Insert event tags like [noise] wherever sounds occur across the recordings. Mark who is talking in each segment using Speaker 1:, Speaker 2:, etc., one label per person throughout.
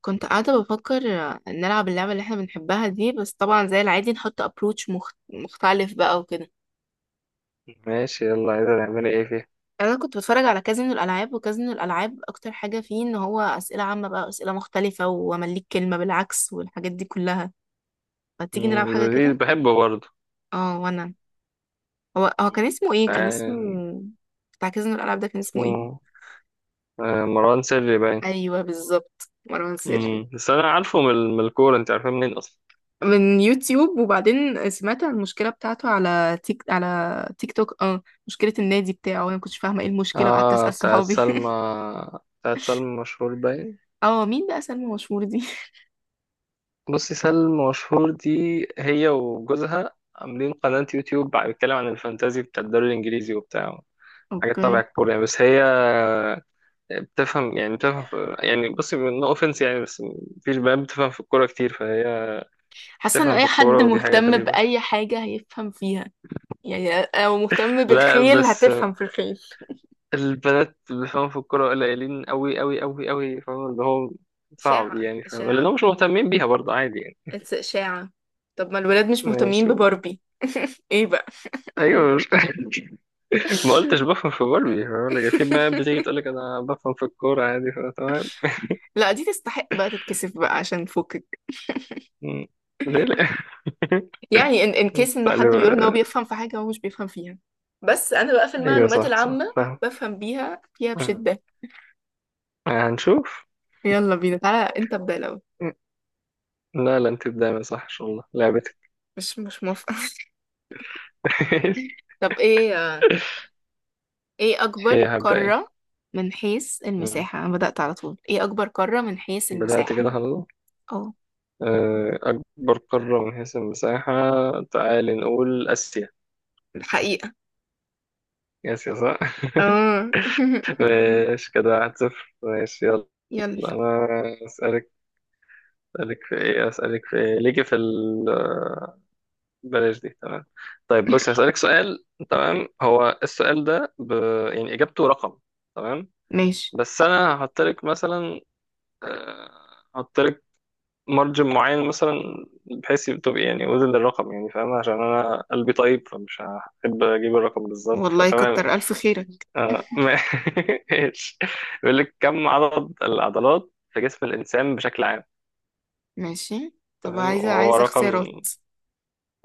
Speaker 1: كنت قاعدة بفكر نلعب اللعبة اللي احنا بنحبها دي. بس طبعا زي العادي نحط ابروتش مختلف بقى وكده.
Speaker 2: ماشي، يلا، عايزة تعملي ايه فيها؟
Speaker 1: انا كنت بتفرج على كازينو الالعاب، وكازينو الالعاب اكتر حاجة فيه ان هو اسئلة عامة بقى، اسئلة مختلفة، وامليك كلمة بالعكس والحاجات دي كلها. فتيجي نلعب
Speaker 2: مم،
Speaker 1: حاجة
Speaker 2: لذيذ،
Speaker 1: كده.
Speaker 2: بحبه برضه.
Speaker 1: اه وانا. هو
Speaker 2: مم.
Speaker 1: كان اسمه ايه؟ كان اسمه
Speaker 2: آه،
Speaker 1: بتاع كازينو الالعاب ده كان
Speaker 2: اسمه
Speaker 1: اسمه ايه؟
Speaker 2: مروان سري باين.
Speaker 1: ايوه بالظبط، مروان سري.
Speaker 2: مم، بس انا عارفه من الكورة، انت عارفاه منين اصلا؟
Speaker 1: من يوتيوب، وبعدين سمعت عن المشكلة بتاعته على تيك توك، اه مشكلة النادي بتاعه، وانا ما كنتش فاهمة ايه المشكلة وقعدت
Speaker 2: اه،
Speaker 1: اسأل
Speaker 2: بتاعت
Speaker 1: صحابي.
Speaker 2: سلمى. بتاعت سلمى مشهور باين.
Speaker 1: [laughs] اه مين بقى سلمى مشهور دي؟
Speaker 2: بصي، سلمى مشهور دي هي وجوزها عاملين قناة يوتيوب بيتكلم عن الفانتازي بتاع الدوري الانجليزي وبتاع
Speaker 1: [laughs]
Speaker 2: حاجات تبع
Speaker 1: اوكي.
Speaker 2: الكورة يعني. بس هي بتفهم في، بصي، نو اوفنس يعني، بس مفيش بنات بتفهم في الكورة كتير، فهي
Speaker 1: حاسة ان
Speaker 2: تفهم في
Speaker 1: اي
Speaker 2: الكورة،
Speaker 1: حد
Speaker 2: ودي حاجة
Speaker 1: مهتم
Speaker 2: غريبة.
Speaker 1: بأي حاجة هيفهم فيها، يعني او مهتم
Speaker 2: لا
Speaker 1: بالخيل
Speaker 2: بس
Speaker 1: هتفهم في الخيل.
Speaker 2: البنات اللي فاهم في الكورة قليلين أوي أوي أوي أوي. فاهم؟ اللي هو صعب
Speaker 1: إشاعة،
Speaker 2: يعني. فاهم؟
Speaker 1: إشاعة،
Speaker 2: لأنهم مش مهتمين بيها برضه، عادي يعني.
Speaker 1: it's إشاعة. طب ما الولاد مش مهتمين
Speaker 2: ماشي.
Speaker 1: بباربي؟ ايه بقى؟
Speaker 2: أيوة، مش [laughs] ما قلتش بفهم في باربي. فاهم؟ لكن في بنات بتيجي تقول
Speaker 1: [laughs]
Speaker 2: لك أنا بفهم في الكورة عادي. فاهم؟ تمام.
Speaker 1: لا دي تستحق بقى تتكسف بقى عشان فوق.
Speaker 2: مم. ليه لأ؟
Speaker 1: يعني ان
Speaker 2: [laughs]
Speaker 1: كيس انه حد
Speaker 2: استعلم.
Speaker 1: بيقول ان هو بيفهم في حاجه هو مش بيفهم فيها. بس انا بقى في
Speaker 2: أيوة،
Speaker 1: المعلومات
Speaker 2: صح
Speaker 1: العامه
Speaker 2: صح. فاهم.
Speaker 1: بفهم بيها فيها
Speaker 2: مم.
Speaker 1: بشده.
Speaker 2: هنشوف.
Speaker 1: يلا بينا، تعالى انت ابدا الاول.
Speaker 2: مم. لا لا، أنت دايما صح إن شاء الله، لعبتك.
Speaker 1: مش موافقه. [laughs]
Speaker 2: [laughs]
Speaker 1: طب ايه؟ ايه اكبر
Speaker 2: إيه هبدأ إيه؟
Speaker 1: قاره من حيث
Speaker 2: مم.
Speaker 1: المساحه؟ انا بدات على طول، ايه اكبر قاره من حيث
Speaker 2: بدأت
Speaker 1: المساحه؟
Speaker 2: كده خلاص.
Speaker 1: اه
Speaker 2: أكبر قارة من حيث المساحة. تعالي نقول آسيا.
Speaker 1: الحقيقه،
Speaker 2: آسيا صح؟
Speaker 1: اه.
Speaker 2: [laughs]
Speaker 1: [laughs]
Speaker 2: ماشي كده، واحد صفر، ماشي يلا.
Speaker 1: يلا
Speaker 2: أنا أسألك، أسألك في إيه ليكي في ال بلاش دي، تمام. طيب بص، هسألك سؤال، تمام؟ هو السؤال ده يعني إجابته رقم، تمام؟
Speaker 1: ماشي.
Speaker 2: بس أنا هحط لك مثلا آه، هحط مارجن معين، مثلا، بحيث تبقى يعني وزن الرقم. يعني فاهم؟ عشان انا قلبي طيب فمش هحب اجيب الرقم بالظبط،
Speaker 1: والله
Speaker 2: فتمام
Speaker 1: كتر
Speaker 2: يعني.
Speaker 1: الف خيرك. [laughs]
Speaker 2: ماشي. [laughs] بيقول لك، كم عدد العضلات في جسم الانسان بشكل عام؟
Speaker 1: ماشي. طب
Speaker 2: تمام،
Speaker 1: عايزه
Speaker 2: وهو
Speaker 1: عايزه
Speaker 2: رقم.
Speaker 1: اختيارات.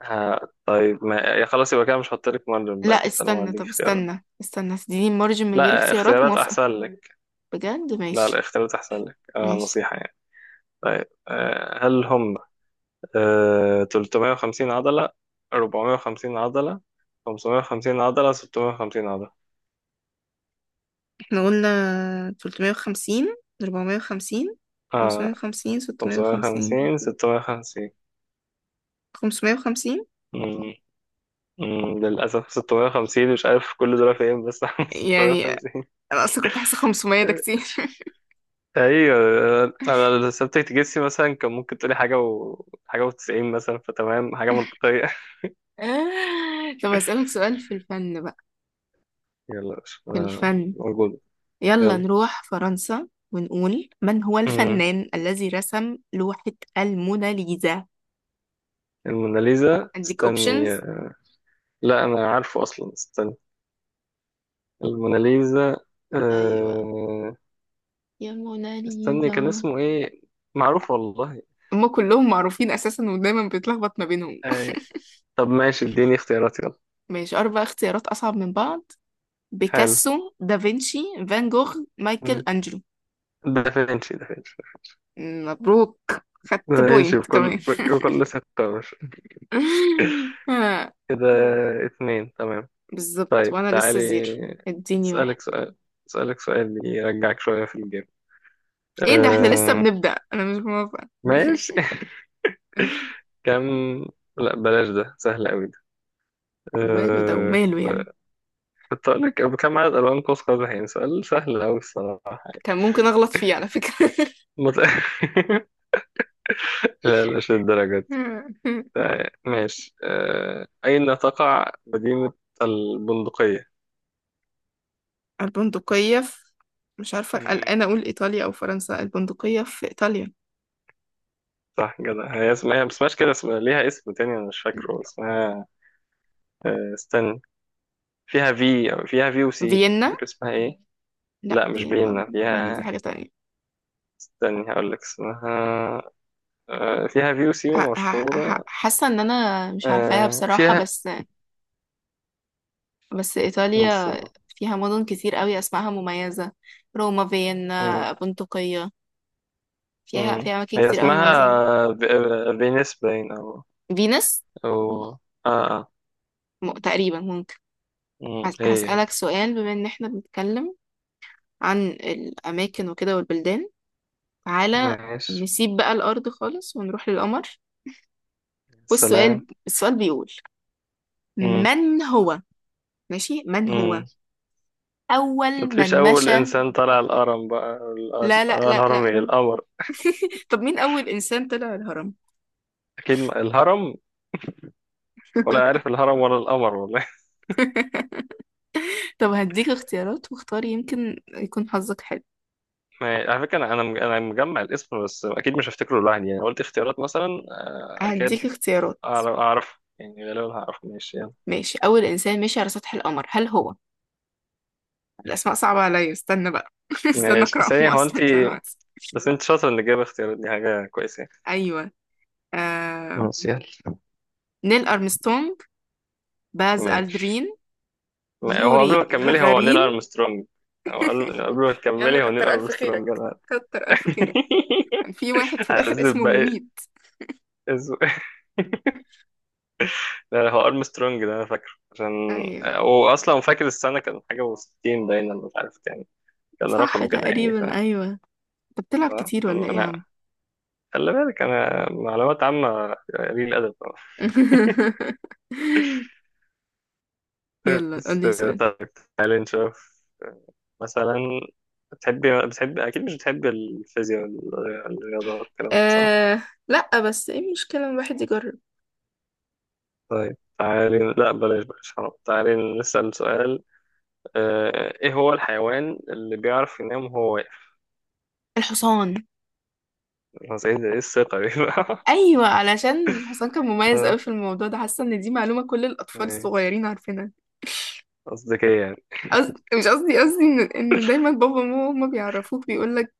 Speaker 2: ها؟ طيب ما يا خلاص، يبقى كده مش هحط لك مارجن
Speaker 1: لا
Speaker 2: بقى، اكيد انا ما
Speaker 1: استنى،
Speaker 2: هديك
Speaker 1: طب
Speaker 2: اختيارات.
Speaker 1: استنى استنى، تديني مارجن من غير
Speaker 2: لا،
Speaker 1: اختيارات،
Speaker 2: اختيارات
Speaker 1: موافقة.
Speaker 2: احسن لك.
Speaker 1: بجد
Speaker 2: لا،
Speaker 1: ماشي.
Speaker 2: الاختيارات احسن لك،
Speaker 1: ماشي
Speaker 2: نصيحة يعني. طيب، هل هم 350 عضلة، 450 عضلة، 550 عضلة، 650 عضلة؟
Speaker 1: احنا قلنا 350، 450،
Speaker 2: آه.
Speaker 1: 550، 650.
Speaker 2: 550، 650.
Speaker 1: 550.
Speaker 2: مم. مم. للأسف 650. مش عارف كل دول فين، بس [laughs]
Speaker 1: يعني
Speaker 2: 650.
Speaker 1: انا اصلا كنت حاسة 500 ده كتير. [laughs]
Speaker 2: أيوة. أنا لو سبتك تجسي مثلا كان ممكن تقولي حاجة و حاجة وتسعين مثلا، فتمام، حاجة منطقية.
Speaker 1: طب هسألك سؤال في الفن بقى،
Speaker 2: [laughs] يلا، مش
Speaker 1: في الفن.
Speaker 2: موجود.
Speaker 1: يلا
Speaker 2: يلا.
Speaker 1: نروح فرنسا ونقول، من هو
Speaker 2: مم.
Speaker 1: الفنان الذي رسم لوحة الموناليزا؟
Speaker 2: الموناليزا،
Speaker 1: عندك
Speaker 2: استني.
Speaker 1: اوبشنز.
Speaker 2: لا أنا عارفه أصلا، استني. الموناليزا
Speaker 1: ايوه،
Speaker 2: آه...
Speaker 1: يا
Speaker 2: استني، كان
Speaker 1: موناليزا.
Speaker 2: اسمه ايه؟ معروف والله.
Speaker 1: هما كلهم معروفين اساسا ودايما بيتلخبط ما بينهم.
Speaker 2: آه... طب ماشي، اديني اختيارات يلا.
Speaker 1: ماشي، اربع اختيارات اصعب من بعض:
Speaker 2: حلو.
Speaker 1: بيكاسو، دافنشي، فان جوخ، مايكل
Speaker 2: مم.
Speaker 1: انجلو.
Speaker 2: دافنشي، دافنشي.
Speaker 1: مبروك، خدت
Speaker 2: دافنشي
Speaker 1: بوينت كمان.
Speaker 2: بكل ثقة، مش
Speaker 1: [laughs] آه،
Speaker 2: كده؟ اتنين، تمام.
Speaker 1: بالظبط
Speaker 2: طيب
Speaker 1: وانا لسه
Speaker 2: تعالي،
Speaker 1: زيرو. اديني واحد.
Speaker 2: اسألك سؤال اسألك سؤال يرجعك شوية في الجيم.
Speaker 1: ايه ده احنا لسه
Speaker 2: آه...
Speaker 1: بنبدأ، انا مش موافقة.
Speaker 2: ماشي. [laughs] كم، لا بلاش، ده سهل قوي ده.
Speaker 1: وماله، ده
Speaker 2: آه...
Speaker 1: وماله يعني؟
Speaker 2: كنت أقول لك كم عدد ألوان قوس قزح. يعني سؤال سهل أوي الصراحة.
Speaker 1: كان ممكن اغلط فيه على فكرة. [laughs]
Speaker 2: مت... [laughs] لا لا، مش للدرجة. ماشي. أين تقع مدينة البندقية؟
Speaker 1: البندقية في، مش عارفة
Speaker 2: مم،
Speaker 1: قلقانة، اقول ايطاليا او فرنسا؟ البندقية في ايطاليا.
Speaker 2: صح كده، هي اسمها بس مش كده اسمها، ليها اسم تاني أنا مش فاكره اسمها. استنى، فيها في، أو فيها في وسي، مش
Speaker 1: فيينا،
Speaker 2: فاكر اسمها إيه.
Speaker 1: لا
Speaker 2: لا مش
Speaker 1: فيينا،
Speaker 2: بينا
Speaker 1: فيينا دي
Speaker 2: فيها.
Speaker 1: حاجة تانية.
Speaker 2: استني هقول لك اسمها. فيها في وسي ومشهورة.
Speaker 1: حاسة ان انا مش عارفاها
Speaker 2: آه،
Speaker 1: بصراحة،
Speaker 2: فيها
Speaker 1: بس بس ايطاليا
Speaker 2: استنى.
Speaker 1: فيها مدن كتير قوي اسمائها مميزة. روما،
Speaker 2: مم.
Speaker 1: فيينا، بندقية. فيها،
Speaker 2: مم.
Speaker 1: فيها اماكن
Speaker 2: هي
Speaker 1: كتير قوي
Speaker 2: اسمها
Speaker 1: مميزة.
Speaker 2: فينيس باين، أو
Speaker 1: فينس،
Speaker 2: أو آه
Speaker 1: تقريبا ممكن.
Speaker 2: مم. هي هي.
Speaker 1: هسألك سؤال، بما ان احنا بنتكلم عن الاماكن وكده والبلدان، تعالى
Speaker 2: ماشي،
Speaker 1: نسيب بقى الارض خالص ونروح للقمر.
Speaker 2: سلام.
Speaker 1: والسؤال، السؤال بيقول،
Speaker 2: مم.
Speaker 1: من هو؟ ماشي، من هو
Speaker 2: مم.
Speaker 1: اول
Speaker 2: ما تفيش،
Speaker 1: من
Speaker 2: أول
Speaker 1: مشى؟
Speaker 2: إنسان طلع الهرم بقى،
Speaker 1: لا لا لا
Speaker 2: الهرم،
Speaker 1: لا.
Speaker 2: إيه القمر؟
Speaker 1: طب مين أول إنسان طلع الهرم؟
Speaker 2: أكيد، الهرم. ولا
Speaker 1: [laughs]
Speaker 2: عارف الهرم ولا القمر، والله. [laughs]
Speaker 1: طب هديك اختيارات واختاري يمكن يكون حظك حلو.
Speaker 2: على فكرة أنا، أنا مجمع الاسم بس أكيد مش هفتكره لوحدي يعني، قلت اختيارات مثلا.
Speaker 1: هديك
Speaker 2: أكيد
Speaker 1: اختيارات.
Speaker 2: أعرف، أعرف يعني غالبا هعرف. ماشي يلا.
Speaker 1: ماشي، أول إنسان مشي على سطح القمر هل هو، الأسماء صعبة عليا استنى بقى، [laughs] استنى
Speaker 2: ماشي
Speaker 1: أقرأهم
Speaker 2: ثانية، هو أنت،
Speaker 1: أصلا كمان وقت.
Speaker 2: بس أنت شاطر إنك جايبة اختيارات، دي حاجة كويسة.
Speaker 1: أيوه، آه...
Speaker 2: ماشي يلا.
Speaker 1: نيل أرمسترونج، باز
Speaker 2: ماشي.
Speaker 1: ألدرين،
Speaker 2: هو قبل ما
Speaker 1: يوري
Speaker 2: تكملي، هو نيل
Speaker 1: غغارين.
Speaker 2: ارمسترونج. هو قبل ما
Speaker 1: [laughs] يا عم
Speaker 2: تكملي، هو نيل
Speaker 1: كتر ألف
Speaker 2: ارمسترونج،
Speaker 1: خيرك،
Speaker 2: انا.
Speaker 1: كتر ألف خيرك.
Speaker 2: [laughs]
Speaker 1: كان في واحد في الآخر
Speaker 2: هكذب
Speaker 1: اسمه
Speaker 2: باقي
Speaker 1: مميت.
Speaker 2: اسمه. لا لا، هو ارمسترونج ده، انا فاكره عشان
Speaker 1: أيوه.
Speaker 2: هو اصلا، فاكر السنه كان حاجه و60 باينه، أنا مش عارف يعني، كان
Speaker 1: صح
Speaker 2: رقم كده يعني.
Speaker 1: تقريبا، أيوه. أنت
Speaker 2: ف...
Speaker 1: بتلعب كتير ولا إيه يا عم؟
Speaker 2: انا خلي بالك، انا معلومات عامه قليل ادب.
Speaker 1: [laughs] يلا
Speaker 2: بس
Speaker 1: قولي سؤال.
Speaker 2: طيب، تعالي نشوف مثلا. بتحبي اكيد مش بتحبي الفيزياء والرياضه والكلام ده، صح؟
Speaker 1: أه لا بس ايه المشكلة ان الواحد يجرب؟
Speaker 2: طيب تعالي، لا بلاش بقى شراب، تعالي نسأل سؤال. ايه هو الحيوان اللي بيعرف ينام وهو واقف؟
Speaker 1: الحصان.
Speaker 2: أنا سعيد، ايه الثقة دي بقى؟
Speaker 1: ايوه علشان الحصان كان
Speaker 2: [laughs]
Speaker 1: مميز قوي
Speaker 2: آه،
Speaker 1: في الموضوع ده، حاسه ان دي معلومه كل الاطفال
Speaker 2: إيه،
Speaker 1: الصغيرين عارفينها.
Speaker 2: قصدك ايه يعني؟
Speaker 1: مش قصدي ان دايما بابا وماما هما بيعرفوك بيقول لك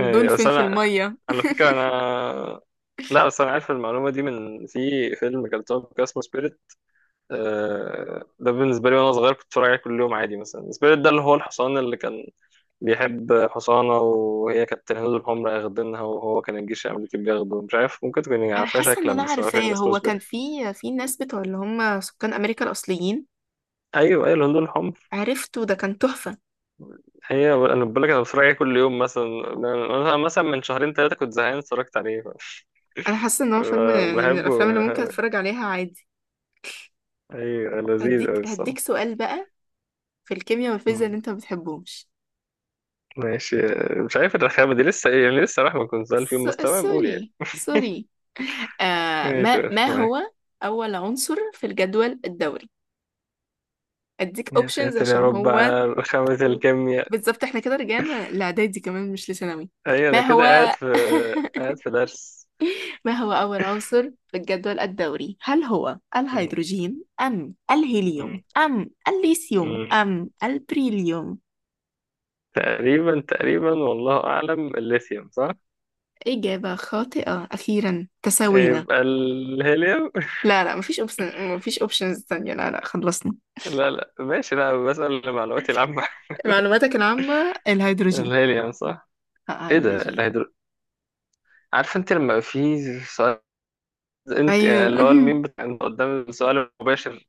Speaker 2: إيه، بس
Speaker 1: في
Speaker 2: انا،
Speaker 1: الميه.
Speaker 2: على فكرة انا، لا بس انا عارف المعلومة دي من في فيلم كان طالع كده اسمه سبيريت. ده بالنسبة لي وانا صغير كنت بتفرج عليه كل يوم، عادي، مثلا. سبيريت ده اللي هو الحصان اللي كان بيحب حصانة، وهي كانت الهنود الحمر أخدينها، وهو كان الجيش الأمريكي بياخده، مش عارف، ممكن تكون
Speaker 1: انا
Speaker 2: عارفها
Speaker 1: حاسه ان
Speaker 2: شكلا،
Speaker 1: انا
Speaker 2: بس ما أعرفش
Speaker 1: عارفاه،
Speaker 2: الناس
Speaker 1: هو كان
Speaker 2: مسبرة.
Speaker 1: في، ناس بتوع اللي هم سكان امريكا الاصليين.
Speaker 2: أيوه أيوه، الهنود الحمر.
Speaker 1: عرفته، ده كان تحفه.
Speaker 2: هي أنا بقول لك أنا بتفرج عليه كل يوم مثلا، أنا مثلا من شهرين ثلاثة كنت زهقان اتفرجت عليه
Speaker 1: انا حاسه ان هو فيلم يعني من
Speaker 2: بحبه.
Speaker 1: الافلام اللي ممكن اتفرج عليها عادي.
Speaker 2: أيوه، لذيذ أوي
Speaker 1: هديك
Speaker 2: الصراحة.
Speaker 1: سؤال بقى في الكيمياء والفيزياء
Speaker 2: مم.
Speaker 1: اللي انت ما بتحبهمش.
Speaker 2: ماشي. مش عارف الرخامة دي لسه إيه يعني، لسه رحمة كنت سؤال في يوم
Speaker 1: س-
Speaker 2: مستوى نقول يعني،
Speaker 1: سوري سوري. آه
Speaker 2: ماشي
Speaker 1: ما
Speaker 2: ماشي
Speaker 1: ما
Speaker 2: معاك.
Speaker 1: هو اول عنصر في الجدول الدوري؟ اديك
Speaker 2: يا
Speaker 1: اوبشنز
Speaker 2: ساتر يا
Speaker 1: عشان
Speaker 2: رب
Speaker 1: هو،
Speaker 2: على رخامة الكيمياء.
Speaker 1: بالظبط احنا كده رجعنا لاعدادي كمان مش لثانوي.
Speaker 2: أيوه،
Speaker 1: ما
Speaker 2: أنا كده
Speaker 1: هو، [laughs]
Speaker 2: قاعد في درس.
Speaker 1: ما هو اول عنصر في الجدول الدوري، هل هو الهيدروجين، ام الهيليوم،
Speaker 2: مم.
Speaker 1: ام الليثيوم،
Speaker 2: مم.
Speaker 1: ام البريليوم؟
Speaker 2: تقريبا تقريبا والله أعلم، الليثيوم صح؟
Speaker 1: اجابة خاطئة، اخيرا تساوينا.
Speaker 2: يبقى الهيليوم.
Speaker 1: لا لا، مفيش اوبشن، مفيش اوبشنز تانية، لا لا خلصنا.
Speaker 2: [laughs] لا لا، ماشي، لا بسأل لمعلوماتي العامة.
Speaker 1: معلوماتك العامة
Speaker 2: [laughs]
Speaker 1: الهيدروجين.
Speaker 2: الهيليوم صح؟
Speaker 1: لا،
Speaker 2: ايه ده،
Speaker 1: هيدروجين.
Speaker 2: الهيدرو. عارف انت لما يبقى في سؤال، انت
Speaker 1: أيوة. [laughs]
Speaker 2: اللي هو الميم بتاع انت قدام السؤال المباشر؟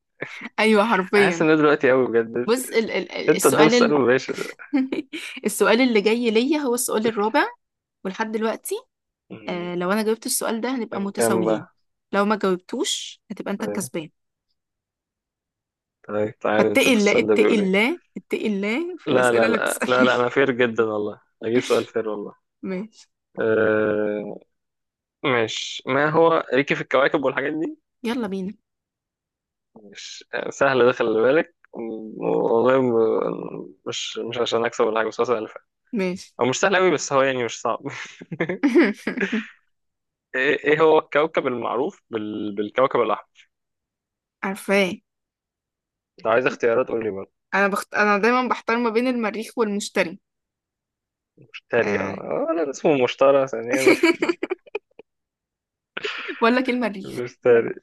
Speaker 1: أيوة
Speaker 2: حاسس
Speaker 1: حرفيا.
Speaker 2: ان ده دلوقتي قوي بجد،
Speaker 1: بص
Speaker 2: انت قدام
Speaker 1: السؤال
Speaker 2: السؤال
Speaker 1: ال،
Speaker 2: المباشر.
Speaker 1: [laughs] السؤال اللي جاي ليا هو السؤال الرابع، ولحد دلوقتي
Speaker 2: مم.
Speaker 1: آه لو أنا جاوبت السؤال ده هنبقى
Speaker 2: كم
Speaker 1: متساويين،
Speaker 2: بقى؟
Speaker 1: لو ما جاوبتوش هتبقى أنت
Speaker 2: طيب.
Speaker 1: الكسبان.
Speaker 2: طيب تعالى
Speaker 1: فاتقي
Speaker 2: نشوف
Speaker 1: الله،
Speaker 2: السؤال ده
Speaker 1: اتقي
Speaker 2: بيقول ايه.
Speaker 1: الله، اتقي الله في
Speaker 2: لا
Speaker 1: الأسئلة
Speaker 2: لا
Speaker 1: اللي
Speaker 2: لا لا
Speaker 1: بتسألني.
Speaker 2: لا، انا فير جدا والله، اجيب سؤال فير والله.
Speaker 1: [laughs] ماشي.
Speaker 2: آه، مش ما هو، ليكي في الكواكب والحاجات دي،
Speaker 1: يلا بينا.
Speaker 2: مش سهل ده، خلي بالك والله، مش مش عشان اكسب ولا حاجه، بس هو سهل فعلا.
Speaker 1: ماشي.
Speaker 2: هو مش سهل قوي، بس هو يعني مش صعب. [laughs]
Speaker 1: [laughs]
Speaker 2: ايه، إيه هو الكوكب المعروف بالكوكب الاحمر؟
Speaker 1: عارفاه.
Speaker 2: لو عايز اختيارات قول لي برضه.
Speaker 1: أنا أنا دايما بحتار ما بين المريخ والمشتري.
Speaker 2: مشتري،
Speaker 1: آه.
Speaker 2: اه، انا اسمه مشتري ثانيا.
Speaker 1: [laughs] بقول لك إيه، المريخ.
Speaker 2: مشتري.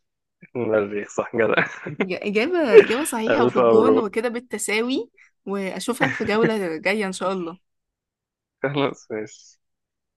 Speaker 2: المريخ. صح، جدع.
Speaker 1: إجابة
Speaker 2: [laughs]
Speaker 1: صحيحة، وفي
Speaker 2: الف
Speaker 1: الجون،
Speaker 2: مبروك.
Speaker 1: وكده بالتساوي. وأشوفك في جولة جاية إن شاء الله.
Speaker 2: خلاص، ماشي.